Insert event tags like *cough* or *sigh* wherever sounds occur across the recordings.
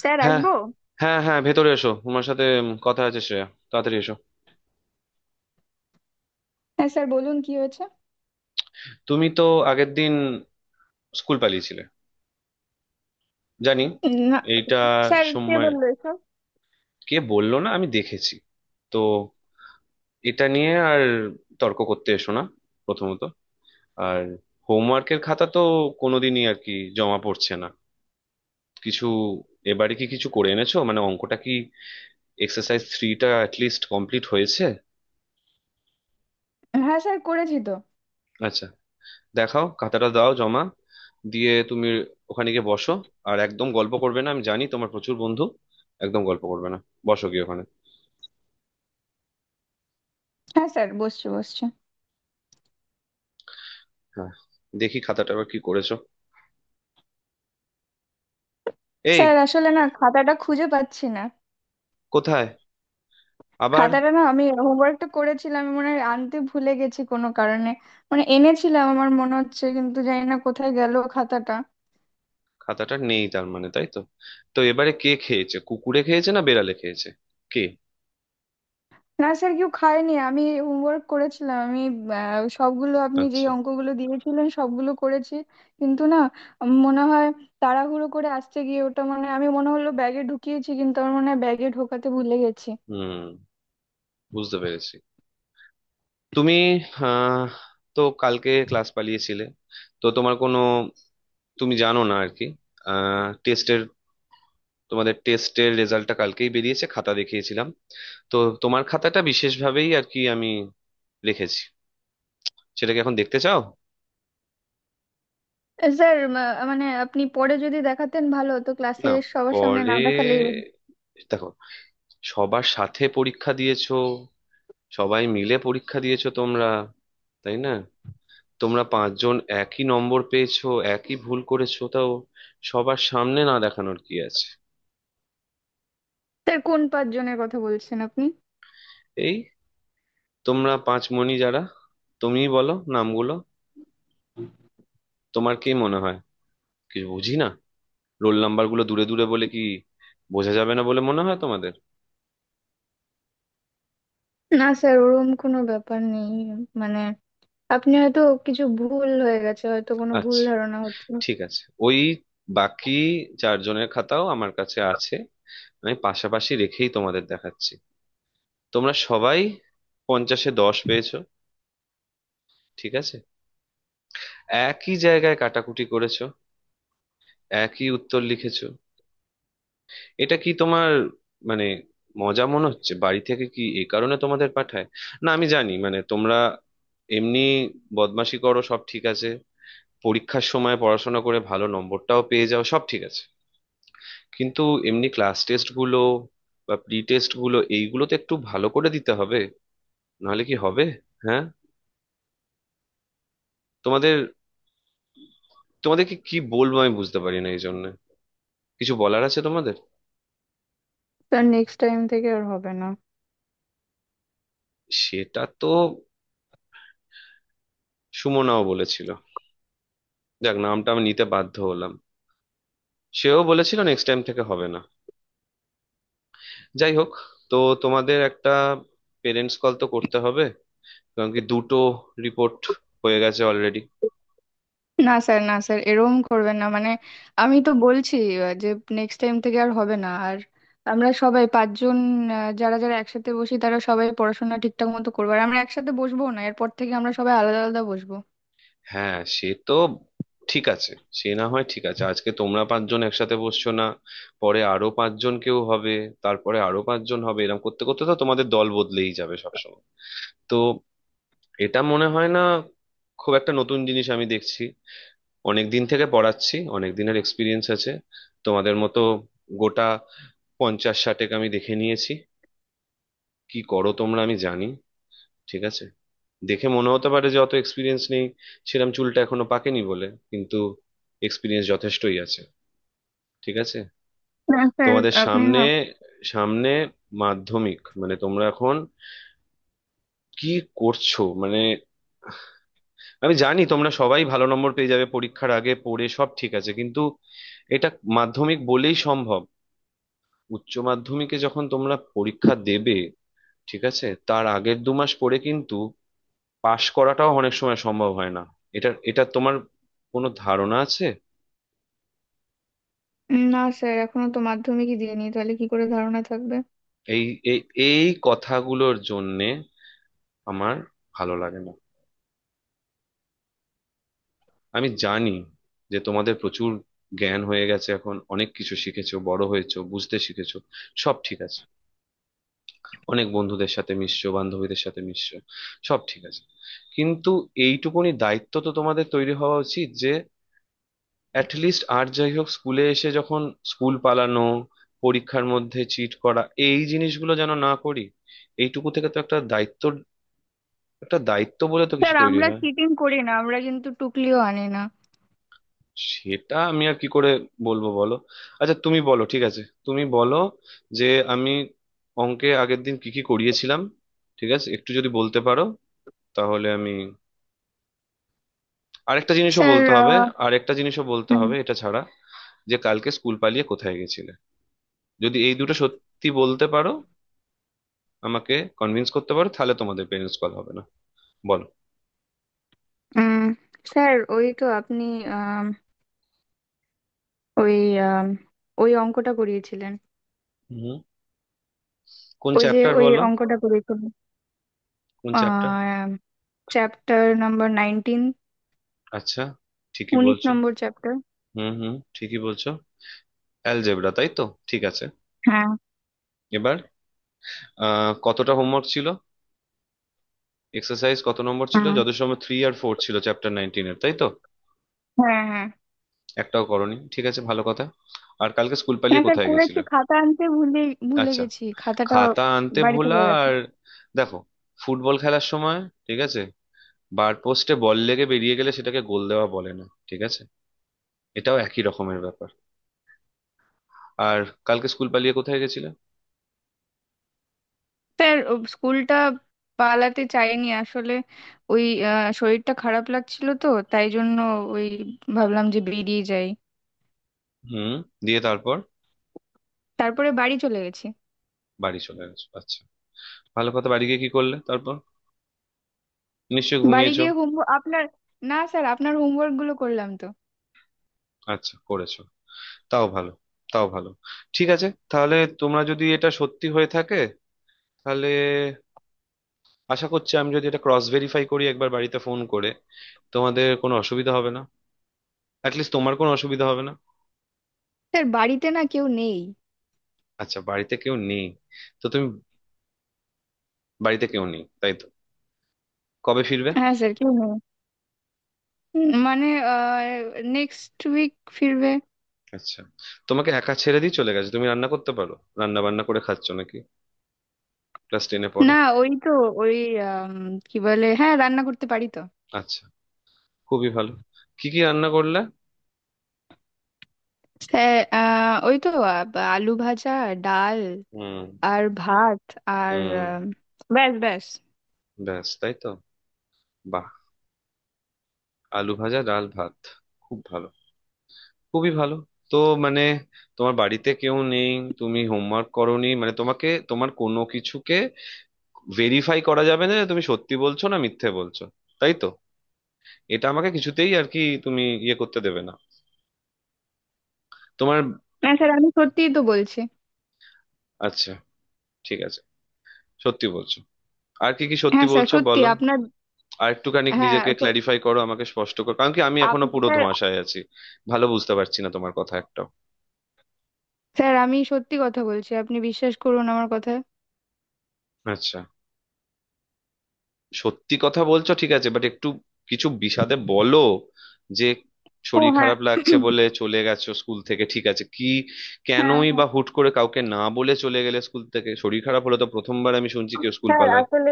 Sir, হ্যাঁ, আসবো? হ্যাঁ, হ্যাঁ, ভেতরে এসো। তোমার সাথে কথা আছে, শ্রেয়া, তাড়াতাড়ি এসো। হ্যাঁ স্যার, বলুন কি হয়েছে? তুমি তো আগের দিন স্কুল পালিয়েছিলে জানি। না এইটা স্যার, কে সময়। বললো এসব? কে বললো? না, আমি দেখেছি। তো এটা নিয়ে আর তর্ক করতে এসো না। প্রথমত, আর হোমওয়ার্কের খাতা তো কোনোদিনই আর কি জমা পড়ছে না কিছু। এবারে কি কিছু করে এনেছো? মানে অঙ্কটা, কি এক্সারসাইজ থ্রিটা অ্যাটলিস্ট কমপ্লিট হয়েছে? হ্যাঁ স্যার, করেছি তো। আচ্ছা, দেখাও, খাতাটা দাও, জমা দিয়ে তুমি ওখানে গিয়ে বসো। আর একদম গল্প করবে না, আমি জানি তোমার প্রচুর বন্ধু। একদম গল্প করবে না, বসো গিয়ে ওখানে। হ্যাঁ স্যার, বসছে বসছে। হ্যাঁ, দেখি খাতাটা, আবার কি করেছো। এই, স্যার আসলে না, খাতাটা খুঁজে পাচ্ছি না। কোথায় আবার? খাতাটা না, আমি হোমওয়ার্কটা করেছিলাম, আমি মনে হয় আনতে ভুলে গেছি কোনো কারণে। মানে এনেছিলাম আমার মনে হচ্ছে, কিন্তু জানি না কোথায় গেল খাতাটা। খাতাটা নেই তার মানে, তাই তো? তো এবারে কে খেয়েছে, কুকুরে খেয়েছে না বেড়ালে খেয়েছে? কে? না স্যার, কেউ খায়নি, আমি হোমওয়ার্ক করেছিলাম আমি। সবগুলো আপনি যে আচ্ছা, অঙ্কগুলো দিয়েছিলেন সবগুলো করেছি। কিন্তু না, মনে হয় তাড়াহুড়ো করে আসতে গিয়ে ওটা মানে আমি মনে হলো ব্যাগে ঢুকিয়েছি, কিন্তু আমার মনে হয় ব্যাগে ঢোকাতে ভুলে গেছি। হুম, বুঝতে পেরেছি। তুমি আহ তো কালকে ক্লাস পালিয়েছিলে তো তোমার কোনো তুমি জানো না আর কি। টেস্টের, তোমাদের টেস্টের রেজাল্টটা কালকেই বেরিয়েছে, খাতা দেখিয়েছিলাম। তো তোমার খাতাটা বিশেষভাবেই আর কি আমি রেখেছি, সেটাকে এখন দেখতে চাও? স্যার, মানে আপনি পরে যদি দেখাতেন ভালো হতো ক্লাসে, না, সবার সামনে পরে না দেখালে। দেখো। সবার সাথে পরীক্ষা দিয়েছো, সবাই মিলে পরীক্ষা দিয়েছো তোমরা, তাই না? তোমরা পাঁচজন একই নম্বর পেয়েছো, একই ভুল করেছো, তাও সবার সামনে না দেখানোর কি আছে? স্যার, কোন পাঁচজনের কথা বলছেন আপনি? এই, তোমরা পাঁচমণি যারা, তুমিই বলো নামগুলো। তোমার কি মনে হয় কিছু বুঝি না? রোল নাম্বার গুলো দূরে দূরে বলে কি বোঝা যাবে না বলে মনে হয় তোমাদের? না স্যার, ওরকম কোনো ব্যাপার নেই, মানে আপনি হয়তো, কিছু ভুল হয়ে গেছে হয়তো, কোনো ভুল আচ্ছা, ধারণা হচ্ছে। ঠিক আছে। ওই বাকি চারজনের খাতাও আমার কাছে আছে, আমি পাশাপাশি রেখেই তোমাদের দেখাচ্ছি। তোমরা সবাই 50-এ 10 পেয়েছো, ঠিক আছে? একই জায়গায় কাটাকুটি করেছো, একই উত্তর লিখেছো। এটা কি তোমার মানে মজা মনে হচ্ছে? বাড়ি থেকে কি এই কারণে তোমাদের পাঠায়? না, আমি জানি মানে তোমরা এমনি বদমাশি করো সব ঠিক আছে, পরীক্ষার সময় পড়াশোনা করে ভালো নম্বরটাও পেয়ে যাও সব ঠিক আছে। কিন্তু এমনি ক্লাস টেস্ট গুলো বা প্রি টেস্ট গুলো এইগুলো তো একটু ভালো করে দিতে হবে, নাহলে কি হবে? হ্যাঁ, তোমাদের, তোমাদেরকে কি বলবো আমি বুঝতে পারি না এই জন্য। কিছু বলার আছে তোমাদের? স্যার, নেক্সট টাইম থেকে আর হবে না। সেটা তো সুমনাও বলেছিল, যাক নামটা আমি নিতে বাধ্য হলাম। সেও বলেছিল নেক্সট টাইম থেকে হবে না। যাই হোক, তো তোমাদের একটা পেরেন্টস কল তো করতে হবে, কারণ কি দুটো রিপোর্ট হয়ে গেছে অলরেডি। না স্যার, না স্যার, এরকম করবেন না, মানে আমি তো বলছি, যে নেক্সট টাইম থেকে আর হবে না, আর আমরা সবাই পাঁচজন, যারা যারা একসাথে বসি তারা সবাই পড়াশোনা ঠিকঠাক মতো করবো, আর আমরা একসাথে বসবো না, এরপর থেকে আমরা সবাই আলাদা আলাদা বসবো। হ্যাঁ, সে তো ঠিক আছে, সে না হয় ঠিক আছে আজকে তোমরা পাঁচজন একসাথে বসছো না, পরে আরো পাঁচজন কেউ হবে, তারপরে আরো পাঁচজন হবে, এরকম করতে করতে তো তোমাদের দল বদলেই যাবে সবসময়। তো এটা মনে হয় না খুব একটা নতুন জিনিস আমি দেখছি। অনেক দিন থেকে পড়াচ্ছি, অনেক দিনের এক্সপিরিয়েন্স আছে। তোমাদের মতো গোটা 50-60-এক আমি দেখে নিয়েছি, কি করো তোমরা আমি জানি। ঠিক আছে, দেখে মনে হতে পারে যে অত এক্সপিরিয়েন্স নেই, সেরকম চুলটা এখনো পাকেনি বলে, কিন্তু এক্সপিরিয়েন্স যথেষ্টই আছে, ঠিক আছে? না স্যার, তোমাদের আপনি সামনে, না। সামনে মাধ্যমিক, মানে তোমরা এখন কি করছো মানে? আমি জানি তোমরা সবাই ভালো নম্বর পেয়ে যাবে পরীক্ষার আগে পড়ে সব ঠিক আছে, কিন্তু এটা মাধ্যমিক বলেই সম্ভব। উচ্চ মাধ্যমিকে যখন তোমরা পরীক্ষা দেবে, ঠিক আছে, তার আগের 2 মাস পরে কিন্তু পাশ করাটাও অনেক সময় সম্ভব হয় না। এটা, এটা তোমার কোনো ধারণা আছে? না স্যার, এখনো তো মাধ্যমিকই দিইনি, তাহলে কি করে ধারণা থাকবে? এই, এই, এই কথাগুলোর জন্যে আমার ভালো লাগে না। আমি জানি যে তোমাদের প্রচুর জ্ঞান হয়ে গেছে এখন, অনেক কিছু শিখেছো, বড় হয়েছো, বুঝতে শিখেছো, সব ঠিক আছে। অনেক বন্ধুদের সাথে মিশছো, বান্ধবীদের সাথে মিশছো, সব ঠিক আছে। কিন্তু এইটুকুনি দায়িত্ব তো তোমাদের তৈরি হওয়া উচিত যে অ্যাটলিস্ট আর যাই হোক স্কুলে এসে যখন, স্কুল পালানো, পরীক্ষার মধ্যে চিট করা, এই জিনিসগুলো যেন না করি। এইটুকু থেকে তো একটা দায়িত্ব, একটা দায়িত্ব বলে তো কিছু স্যার, তৈরি আমরা হয়। চিটিং করি না, আমরা কিন্তু টুকলিও আনি না। সেটা আমি আর কি করে বলবো বলো। আচ্ছা তুমি বলো, ঠিক আছে তুমি বলো যে আমি অঙ্কে আগের দিন কি কি করিয়েছিলাম, ঠিক আছে একটু যদি বলতে পারো, তাহলে আমি আরেকটা জিনিসও স্যার, বলতে হবে, আরেকটা জিনিসও বলতে হুম, হবে এটা ছাড়া, যে কালকে স্কুল পালিয়ে কোথায় গেছিলে। যদি এই দুটো সত্যি বলতে পারো আমাকে, কনভিন্স করতে পারো, তাহলে তোমাদের পেরেন্টস কল হবে না। বলো। উম, স্যার ওই তো আপনি, আম, ওই, আম, ওই অঙ্কটা করিয়েছিলেন। হুম, কোন ওই যে চ্যাপ্টার ওই বলো? অঙ্কটা করেছিল। কোন চ্যাপ্টার? আহ চ্যাপ্টার নাম্বার 19, আচ্ছা, ঠিকই 19 বলছো। নম্বর চ্যাপ্টার। হুম, হুম, ঠিকই বলছো, অ্যালজেব্রা, তাই তো? ঠিক আছে। হ্যাঁ। এবার কতটা হোমওয়ার্ক ছিল, এক্সারসাইজ কত নম্বর ছিল, হ্যাঁ। যত সময় থ্রি আর ফোর ছিল চ্যাপ্টার 19-এর, তাই তো? হ্যাঁ, হ্যাঁ। একটাও করনি, ঠিক আছে, ভালো কথা। আর কালকে স্কুল না পালিয়ে স্যার, কোথায় করেছি, গেছিলে? খাতা আনতে ভুলে ভুলে আচ্ছা, গেছি খাতাটা, খাতা আনতে বাড়িতে ভোলা। পড়ে গেছে। আর দেখো, ফুটবল খেলার সময়, ঠিক আছে, বার পোস্টে বল লেগে বেরিয়ে গেলে সেটাকে গোল দেওয়া বলে না, ঠিক আছে? এটাও একই রকমের ব্যাপার। আর কালকে স্কুল পালিয়ে কোথায় গেছিলে? স্যার, ও স্কুলটা পালাতে চাইনি আসলে, ওই শরীরটা খারাপ লাগছিল তো তাই জন্য, ওই ভাবলাম যে বেরিয়ে যাই। হুম, দিয়ে তারপর তারপরে বাড়ি চলে গেছি। বাড়ি চলে গেছো, আচ্ছা, ভালো কথা। বাড়ি গিয়ে কি করলে তারপর, নিশ্চয়ই বাড়ি ঘুমিয়েছো? গিয়ে হোমওয়ার্ক আপনার না স্যার, আপনার হোমওয়ার্ক গুলো করলাম তো। আচ্ছা, করেছো, তাও ভালো, তাও ভালো। ঠিক আছে, তাহলে তোমরা যদি এটা সত্যি হয়ে থাকে, তাহলে আশা করছি আমি যদি এটা ক্রস ভেরিফাই করি একবার বাড়িতে ফোন করে, তোমাদের কোনো অসুবিধা হবে না, অ্যাটলিস্ট তোমার কোনো অসুবিধা হবে না। স্যার, বাড়িতে না, কেউ নেই। আচ্ছা, বাড়িতে কেউ নেই, তো তুমি, বাড়িতে কেউ নেই তাই তো? কবে ফিরবে? হ্যাঁ স্যার, কেউ নেই, মানে নেক্সট উইক ফিরবে। আচ্ছা, তোমাকে একা ছেড়ে দিয়ে চলে গেছে, তুমি রান্না করতে পারো? রান্না বান্না করে খাচ্ছ নাকি, ক্লাস টেনে পড়ো? না, ওই তো ওই আম, কি বলে, হ্যাঁ, রান্না করতে পারি তো। আচ্ছা, খুবই ভালো, কি কি রান্না করলে? হ্যাঁ, আহ, ওই তো আ- আলু ভাজা, ডাল, হুম, আর ভাত, আর হুম, আম, ব্যাস, ব্যাস। ব্যাস, তাই তো? বাহ, আলু ভাজা, ডাল, ভাত, খুব ভালো, খুবই ভালো। তো মানে তোমার বাড়িতে কেউ নেই, তুমি হোমওয়ার্ক করোনি, মানে তোমাকে, তোমার কোনো কিছুকে ভেরিফাই করা যাবে না যে তুমি সত্যি বলছো না মিথ্যে বলছো, তাই তো? এটা আমাকে কিছুতেই আর কি তুমি ইয়ে করতে দেবে না তোমার। হ্যাঁ স্যার, আমি সত্যিই তো বলছি। আচ্ছা, ঠিক আছে, সত্যি বলছো। আর কি কি সত্যি হ্যাঁ স্যার, বলছো সত্যি বলো? আপনার। আর একটুখানি হ্যাঁ, নিজেকে ক্ল্যারিফাই করো, আমাকে স্পষ্ট করো, কারণ কি আমি এখনো পুরো স্যার, ধোঁয়াশায় আছি, ভালো বুঝতে পারছি না তোমার কথা একটাও। স্যার আমি সত্যি কথা বলছি, আপনি বিশ্বাস করুন আমার কথা। আচ্ছা, সত্যি কথা বলছো ঠিক আছে, বাট একটু কিছু বিশদে বলো, যে ও শরীর হ্যাঁ। খারাপ লাগছে *clears throat* বলে চলে গেছো স্কুল থেকে, ঠিক আছে কি? হ্যাঁ কেনই বা হুট করে কাউকে না বলে চলে গেলে স্কুল থেকে? শরীর খারাপ হলে তো প্রথমবার আমি শুনছি কেউ স্কুল স্যার, পালায়। আসলে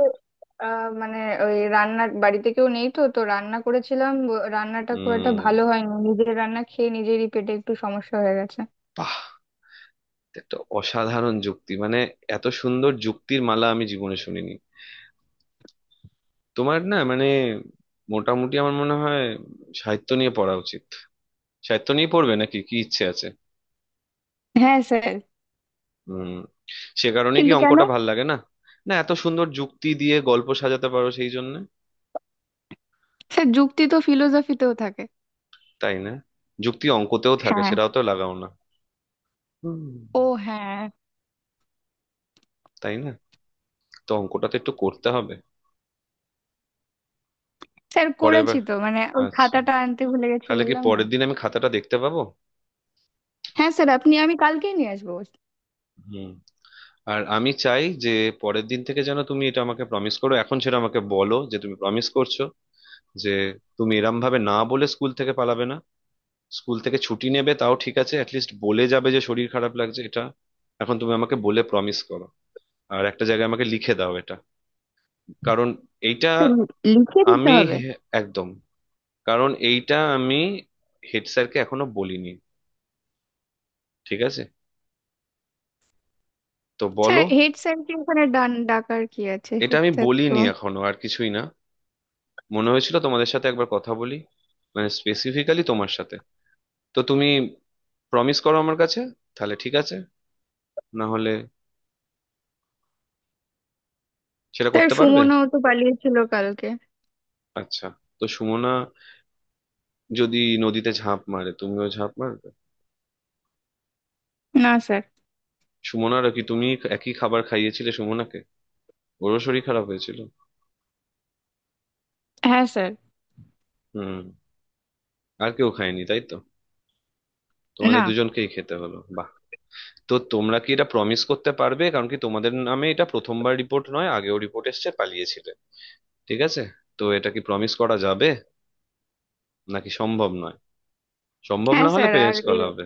মানে ওই, রান্না বাড়িতে কেউ নেই তো তো রান্না করেছিলাম, রান্নাটা খুব একটা উম ভালো হয়নি, নিজের রান্না খেয়ে নিজেরই পেটে একটু সমস্যা হয়ে গেছে। বাহ, একটা অসাধারণ যুক্তি মানে, এত সুন্দর যুক্তির মালা আমি জীবনে শুনিনি। তোমার না মানে মোটামুটি আমার মনে হয় সাহিত্য নিয়ে পড়া উচিত। সাহিত্য নিয়ে পড়বে নাকি, কি ইচ্ছে আছে? হ্যাঁ স্যার। হুম, সে কারণে কি কিন্তু কেন? অঙ্কটা ভাল লাগে না? না, এত সুন্দর যুক্তি দিয়ে গল্প সাজাতে পারো সেই জন্য। স্যার, যুক্তি তো ফিলোসফিতেও থাকে। তাই না? যুক্তি অঙ্কতেও থাকে, হ্যাঁ। সেটাও তো লাগাও না। হুম, ও হ্যাঁ। তাই না? তো অঙ্কটা তো একটু করতে হবে স্যার, পরের করেছি বার। তো, মানে ওই আচ্ছা, খাতাটা আনতে ভুলে গেছি তাহলে কি বললাম না। পরের দিন আমি খাতাটা দেখতে পাবো? হ্যাঁ স্যার, আপনি, আমি কালকেই নিয়ে আসবো। হুম, আর আমি চাই যে পরের দিন থেকে যেন তুমি এটা আমাকে প্রমিস করো, এখন সেটা আমাকে বলো, যে তুমি প্রমিস করছো যে তুমি এরম ভাবে না বলে স্কুল থেকে পালাবে না। স্কুল থেকে ছুটি নেবে তাও ঠিক আছে, অ্যাটলিস্ট বলে যাবে যে শরীর খারাপ লাগছে, এটা। এখন তুমি আমাকে বলে প্রমিস করো আর একটা জায়গায় আমাকে লিখে দাও এটা, কারণ এইটা স্যার, লিখে দিতে আমি হবে? একদম, কারণ এইটা আমি হেড স্যারকে এখনো বলিনি, ঠিক আছে? তো বলো। স্যার, হেড স্যারকে ওখানে ডাকার কি আছে, এটা হেড আমি স্যার তো। বলিনি এখনো আর কিছুই না, মনে হয়েছিল তোমাদের সাথে একবার কথা বলি, মানে স্পেসিফিক্যালি তোমার সাথে। তো তুমি প্রমিস করো আমার কাছে, তাহলে ঠিক আছে, না হলে সেটা স্যার, করতে পারবে? সুমনও তো পালিয়েছিল কালকে। আচ্ছা, তো সুমনা যদি নদীতে ঝাঁপ মারে তুমিও ঝাঁপ মারবে? না স্যার। সুমনার কি তুমি একই খাবার খাইয়েছিলে সুমনাকে, ওরও শরীর খারাপ হয়েছিল? হ্যাঁ স্যার। হুম, আর কেউ খায়নি তাই তো, তোমাদের না। দুজনকেই খেতে হলো, বাহ। তো তোমরা কি এটা প্রমিস করতে পারবে? কারণ কি তোমাদের নামে এটা প্রথমবার রিপোর্ট নয়, আগেও রিপোর্ট এসেছে পালিয়েছিলে, ঠিক আছে? তো এটা কি প্রমিস করা যাবে নাকি সম্ভব নয়? সম্ভব না হ্যাঁ হলে স্যার, আর পেরেন্টস এ, কল হবে।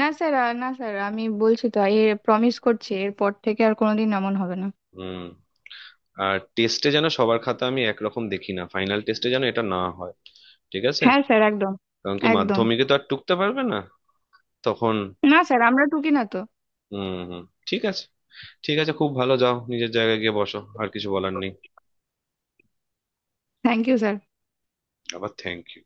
না স্যার, আর না স্যার, আমি বলছি তো, এ প্রমিস করছি এরপর থেকে আর কোনোদিন এমন হবে না। হুম, আর টেস্টে যেন সবার খাতা আমি একরকম দেখি না, ফাইনাল টেস্টে যেন এটা না হয়, ঠিক আছে? হ্যাঁ স্যার, একদম। কারণ কি একদম। মাধ্যমিকে তো আর টুকতে পারবে না তখন। না স্যার, আমরা টুকি না তো। হুম, হুম, ঠিক আছে, ঠিক আছে, খুব ভালো, যাও নিজের জায়গায় গিয়ে বসো, আর কিছু বলার নেই। Thank you sir. আবার থ্যাংক ইউ।